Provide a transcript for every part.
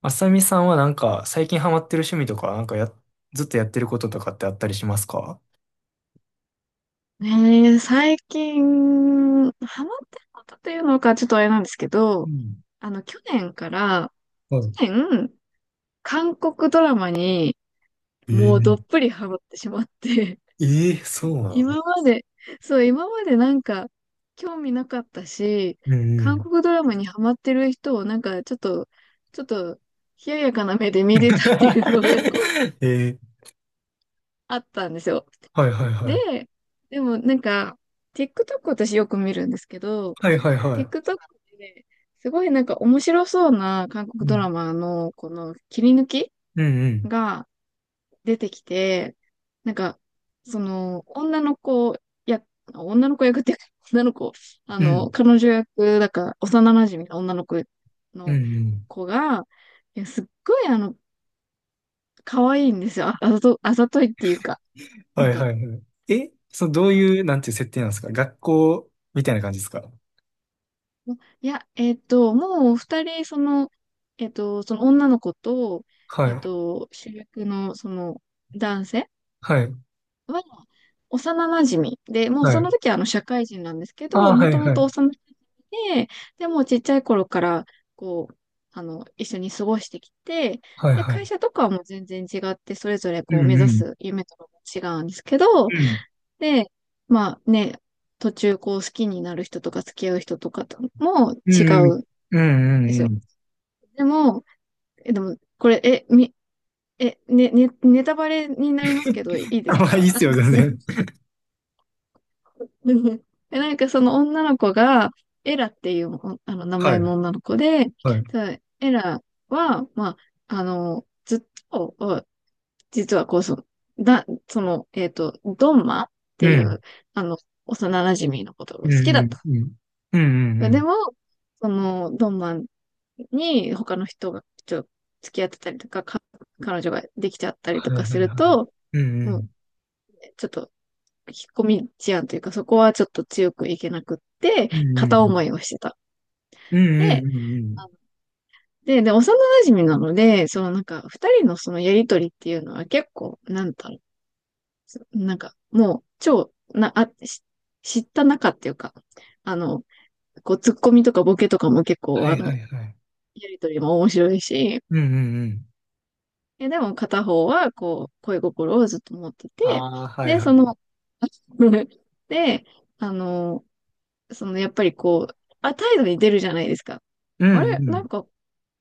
あさみさんはなんか最近ハマってる趣味とか、なんかや、ずっとやってることとかってあったりしますか？ねえ最近、ハマってることというのかちょっとあれなんですけうど、ん。あの、去年から、はい。去年、韓国ドラマにえもうどっえ。ぷりハマってしまって、えーそうな今の？まで、そう、今までなんか、興味なかったし、うんう韓ん。国ドラマにハマってる人をなんか、ちょっと、冷ややかな目で見てたっていうのが、こう、えー。あったんですよ。はいはいはで、い。でもなんか、TikTok 私よく見るんですけど、はいはいは TikTok ですごいなんか面白そうな韓国い。うドラん。マのこの切り抜きうんうん。が出てきて、なんか、その女の子や、女の子役っていうか、女の子、うん。彼女役、だから幼馴染の女の子うんのうん。子が、いやすっごい可愛いんですよ。あ、あざと、あざといっていうか、はなんいはいか、はい。え、そう、どういう、なんていう設定なんですか？学校みたいな感じですか？いや、もう二人、その、その女の子と、はい。主役のその男性はい。は幼馴染で、もうはそい。の時はあの社会人なんですけあど、あ、はもいともはとい。幼馴染で、でもうちっちゃい頃から、こう、一緒に過ごしてきて、はいで、はい。会社とかはもう全然違って、それぞれうこう目んう指ん。す夢とかも違うんですけど、うん。で、まあね、途中こう好きになる人とか付き合う人とかともう違んうん。ううでんうんすうよ。ん。でも、これ、え、み、え、ネタバレになりますけど、いい ですまあいか？ いっすよ、全然。でなんかその女の子が、エラっていうあの名は前い、の女の子で、はい、ただエラは、まあ、ずっと、実はこう、その、だ、その、えっと、ドンマっうていん。う、あの、幼馴染のことがう好んきだった。うんうん。うんうんうでん。も、その、ドンマンに他の人がちょっと付き合ってたりとか、彼女ができちゃったりとはかい、はすい、るはと、い。うもう、ん。ちょっと、引っ込み思案というか、そこはちょっと強くいけなくって、うんう片思ん。いをしてた。うんうで、んうんうあん。ので、幼馴染なので、そのなんか、二人のそのやりとりっていうのは結構、なんだろう、なんか、もう、超、な、あ、し知った仲っていうか、あの、こう、ツッコミとかボケとかも結は構、い、はい、はい。やりとりも面白いし、うんうんうん。でも片方は、こう、恋心をずっと持ってあて、あ、はい、で、はそい。の、で、あの、やっぱりこう、態度に出るじゃないですか。うあんうれ、なんん。か、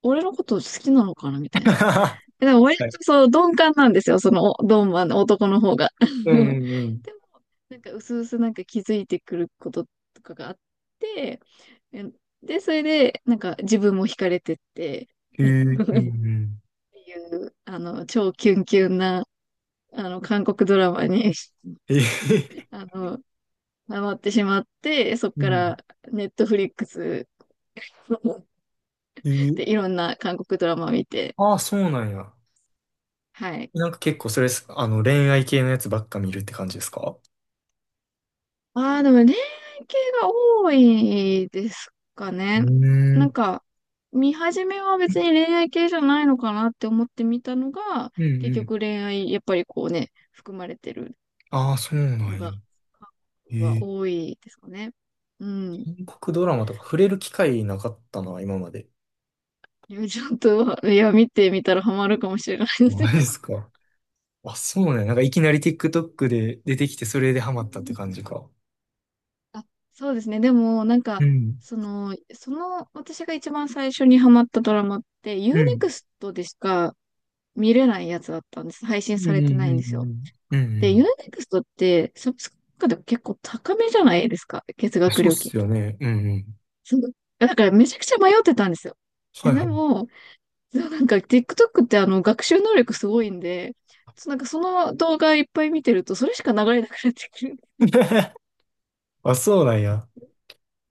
俺のこと好きなのかなみたいな。でも、割はい。とそう、鈍感なんですよ、その、鈍マンの男の方が。う ん、うん、うん。でも、なんか、うすうすなんか気づいてくることとかがあって、えで、それで、なんか、自分も惹かれてって、へ え、っうんうん。ていう、超キュンキュンな、韓国ドラマに え ー、あの、ハマってしまって、そっうかん。ら、ネットフリックスえー、ああ、はいはい、うんうん。 はい、うんうんうん、へえ、うんうん、へえ、うん、へえ。で、いろんな韓国ドラマ見て、ああ、そうなんや。はい。なんか結構それす、あの、恋愛系のやつばっか見るって感じですか？ああ、でも恋愛系が多いですかうね。ーなんん、か、見始めは別に恋愛系じゃないのかなって思ってみたのが、うん結うん。局恋愛、やっぱりこうね、含まれてるああ、そうなのんや。が、韓国えはえ。多いですかね。うん。韓国ドラマとか触れる機会なかったな、今まで。いやちょっと、いや、見てみたらハマるかもしれないでマす。ジですか。あ、そうね。なんかいきなり TikTok で出てきて、それでハマったって感じか。あ、そうですね。でも、なんうか、ん。その、私が一番最初にハマったドラマって、ユーうネん。クストでしか見れないやつだったんです。配う信んうさんれてないんですよ。うんうんうで、ユーん。ネクストって、サブスクでも結構高めじゃないですか。月うん。額そうっ料金。すよね。うんうん。そう。だからめちゃくちゃ迷ってたんですよ。いはや、いではい。も、そうなんか TikTok って学習能力すごいんで、そうなんかその動画いっぱい見てると、それしか流れなくなってくる。あ、そうなんや。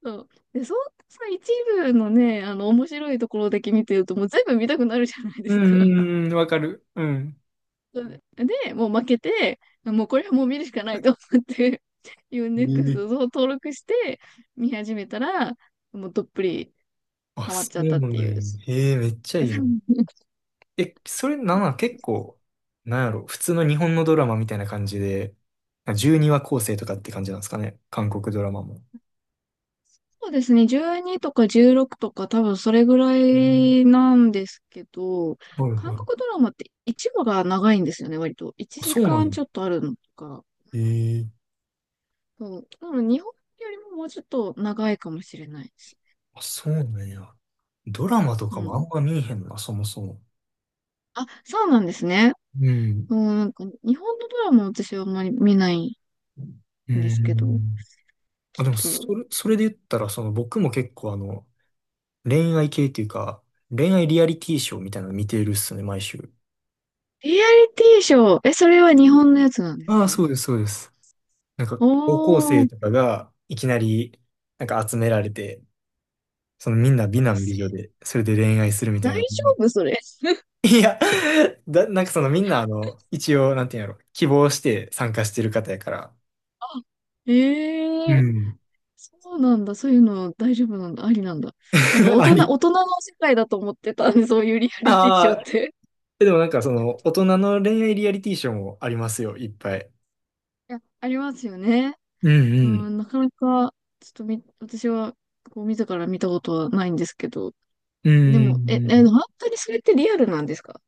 そう。で、そんなさ、一部のね、面白いところだけ見てると、もう全部見たくなるじゃないでうすか。んうんうん、わかる。うん。そうで、もう負けて、もうこれはもう見るしかないと思って、u ネ e x え t え。を登録して見始めたら、もうどっぷりあ、ハマっそちゃっうたっなてんいう。や。へえ、めっちゃいいな。え、それなんなん、結構、なんやろ、普通の日本のドラマみたいな感じで、12話構成とかって感じなんですかね。韓国ドラマも。そうですね、12とか16とか多分それぐらうん。いなんですけど、はい韓はい。国ドラマって1話が長いんですよね、割と。1あ、そうな時んや。間ちょっとあるのとか。ええ。そう。多分日本よりももうちょっと長いかもしれないです。あ、そうなんや。ドラマとうかもあん。んま見えへんな、そもそも。あ、そうなんですね。うん。うん、なんか日本のドラマ私はあんまり見ないうんですけど、ん。あ、でも、ちょっと、それ、それで言ったら、その、僕も結構あの、恋愛系っていうか、恋愛リアリティショーみたいなの見てるっすね、毎週。リアリティショー、それは日本のやつなんですああ、か？そうです、そうです。なんかお高校生ー、とかがいきなりなんか集められて、そのみんな美男美女で、それで恋愛するみた大丈いな。夫それ。いや、だ、なんかそのみんなあの、一応、なんていうんやろ、希望して参加してる方やから、あ、うええ、ん。そうなんだ。そういうの大丈夫なんだ。ありなんだ。なんか 大あ人、り。大人の世界だと思ってたんで、そういうリアリティショーっああ、て。でもなんかその大人の恋愛リアリティショーもありますよ、いっぱい。いや、ありますよね。うんううん。ん、なかなか、ちょっと、私は、こう、自ら見たことはないんですけど、うんでうも、んうん。本当にそれってリアルなんですか？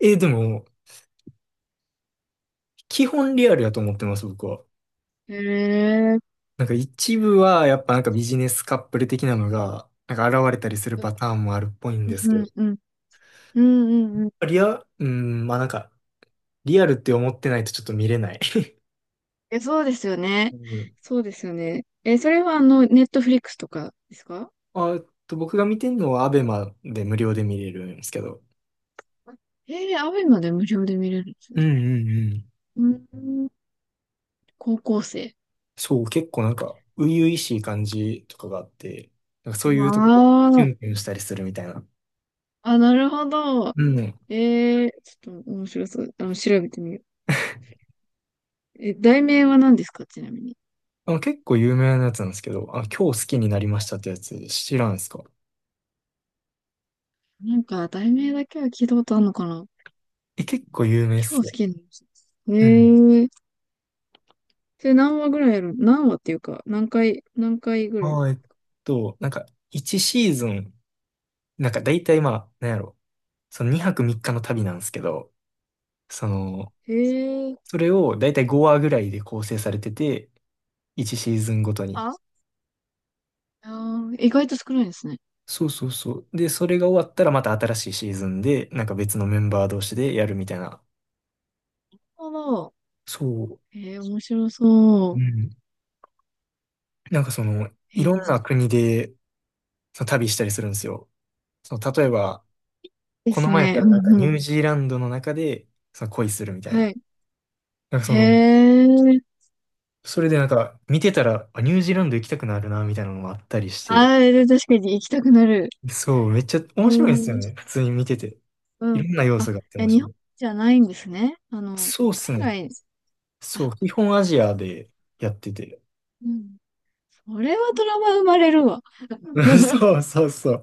えーでも、基本リアルやと思ってます、僕は。へえ、なんか一部はやっぱなんかビジネスカップル的なのがなんか現れたりするうん、パターンもあるっぽいんですけうん、ど。うん、うん、うんうん。リア、うん、まあなんか、リアルって思ってないとちょっと見れない。そうですよ ね。うん。そうですよね。それは、ネットフリックスとかですか？あ、僕が見てるのはアベマで無料で見れるんですけど。アベマで無料で見れるんですうんね。うんうん。うん、高校生。そう、結構なんか初々しい感じとかがあって、なんかそういうところあキュあ、ンキュンしたりするみたいな。なるほど。うん。ちょっと面白そう。調べてみよう。題名は何ですか、ちなみに？あの結構有名なやつなんですけど、あの、今日好きになりましたってやつ知らんすか？なんか、題名だけは聞いたことあるのかな、え、結構有名っ今す日好よ。きなの。うん。へえ。で、何話ぐらいやる何話っていうか、何回ぐらい。ああ、なんか、1シーズン、なんか大体まあ、なんやろ、その2泊3日の旅なんですけど、その、へえ。それを大体5話ぐらいで構成されてて、1シーズンごとに。ああー、意外と少ないですね。そうそうそう。で、それが終わったらまた新しいシーズンで、なんか別のメンバー同士でやるみたいな。なるほど。そう。へえ、面白そうう。ん。なんかその、いへえ、ろんな国でその旅したりするんですよ。その、例えば、でこのす前やっね。たうらなんんかうニん。ュージーランドの中で、その恋するみたいはな。い。なんかへその、え。それでなんか見てたら、あ、ニュージーランド行きたくなるな、みたいなのもあったりして。あー、確かに行きたくなる。そう、めっちゃ面う白いんですよん。ね。普通に見てて。いうん。ろんな要あ、素があっていや、面日白本い。じゃないんですね。そうっす海ね。外、そあ、う、基本アジアでやってて。うん。それはトラウマ生まれるわ。そうそうそう。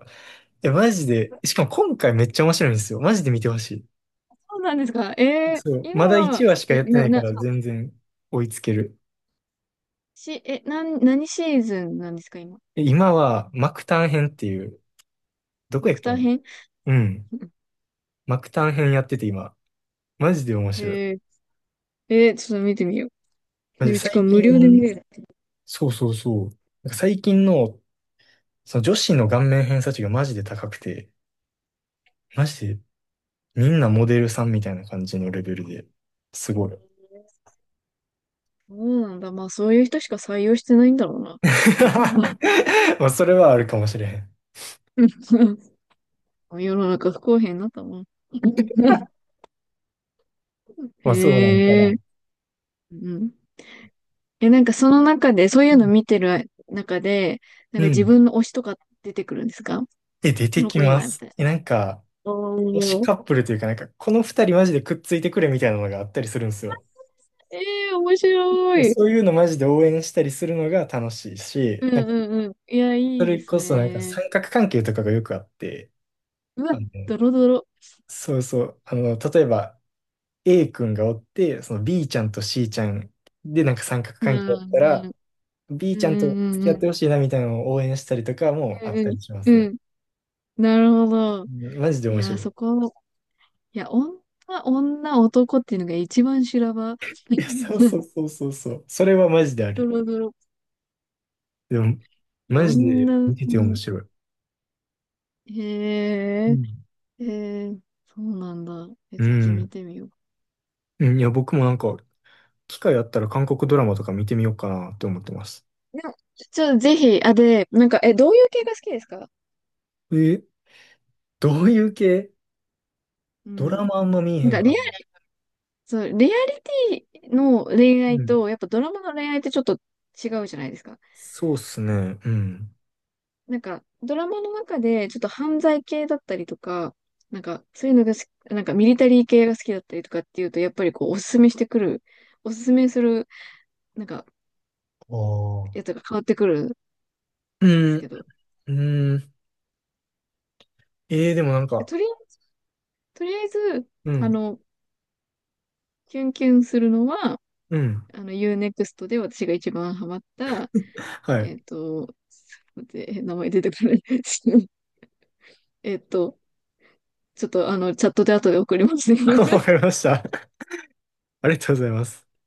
え、マジで。しかも今回めっちゃ面白いんですよ。マジで見てほしそうなんですか。い。そう、今まだ1は、話しかえ、やってな、ないかな、ら全然追いつける。し、え、なん、何シーズンなんですか、今？え、今はマクタン編っていう、どこマやっクけターな。編うん。マクタン編やってて今。マジで面白い。へ ちょっと見てみよう。マジでで、しか最も無近。料で見れる。そうそうそう。なんか最近の、その女子の顔面偏差値がマジで高くて、マジでみんなモデルさんみたいな感じのレベルで、すごい。そうなんだ。まあ、そういう人しか採用してないんだろうな。まあ、まあ、それはあるかもしれへん。世の中不公平になったもん。まあ、そうなんかへえ、な。うん。なんかその中で、そういううのん。見てる中で、なんうか自ん。分の推しとか出てくるんですか？え、出こてのき子いいまな、みす。たいな。え、なんか、お推しーカップルというか、なんか、この二人マジでくっついてくれみたいなのがあったりするんですよ。えー、面白い。そういうのマジで応援したりするのが楽しいし、うんなんか、うんうん。いや、そいいれですこそなんかね。三角関係とかがよくあって、うわ、あの、ドロドロ。そうそう。あの、例えば A 君がおって、その B ちゃんと C ちゃんでなんか三角うん、関係だっうたん、ら、B うちゃんと付きん、う合ってほん、しいなみたいなのを応援したりとかもうあん、ったりしまうすん、ね。うん。なるほど。うん、マジでい面や、白い。そこ、いや、女、女、男っていうのが一番修羅場。いや、そうそ うそうそうそう。それはマジであドる。ロドロ。でも、いや、マジで女、う見てて面ん、白い。うへえ、ん。へえ、そうなんだ。うちょっと見ん。てみよう。うん。いや、僕もなんか、機会あったら韓国ドラマとか見てみようかなって思ってます。でも、ちょっとぜひ、あ、で、なんか、どういう系が好きですか？え、どういう系？うドラん。マあんま見えなんへんか、かリアらな。そう、レアリティの恋う愛ん。と、やっぱドラマの恋愛ってちょっと違うじゃないですか。そうっすね。うん。なんか、ドラマの中でちょっと犯罪系だったりとか、なんか、そういうのが好き、なんかミリタリー系が好きだったりとかっていうと、やっぱりこう、おすすめする、なんか、あやあ。つが変わってくるんでうすん、けど、うん。ええー、でもなんか、とり、とりあえず、うあん、の、キュンキュンするのは、うん。U-NEXT で私が一番ハマった、はえい。っと、待って、名前出てこない。えっと、ちょっとチャットで後で送りますね。わかりました。ありがとうございます。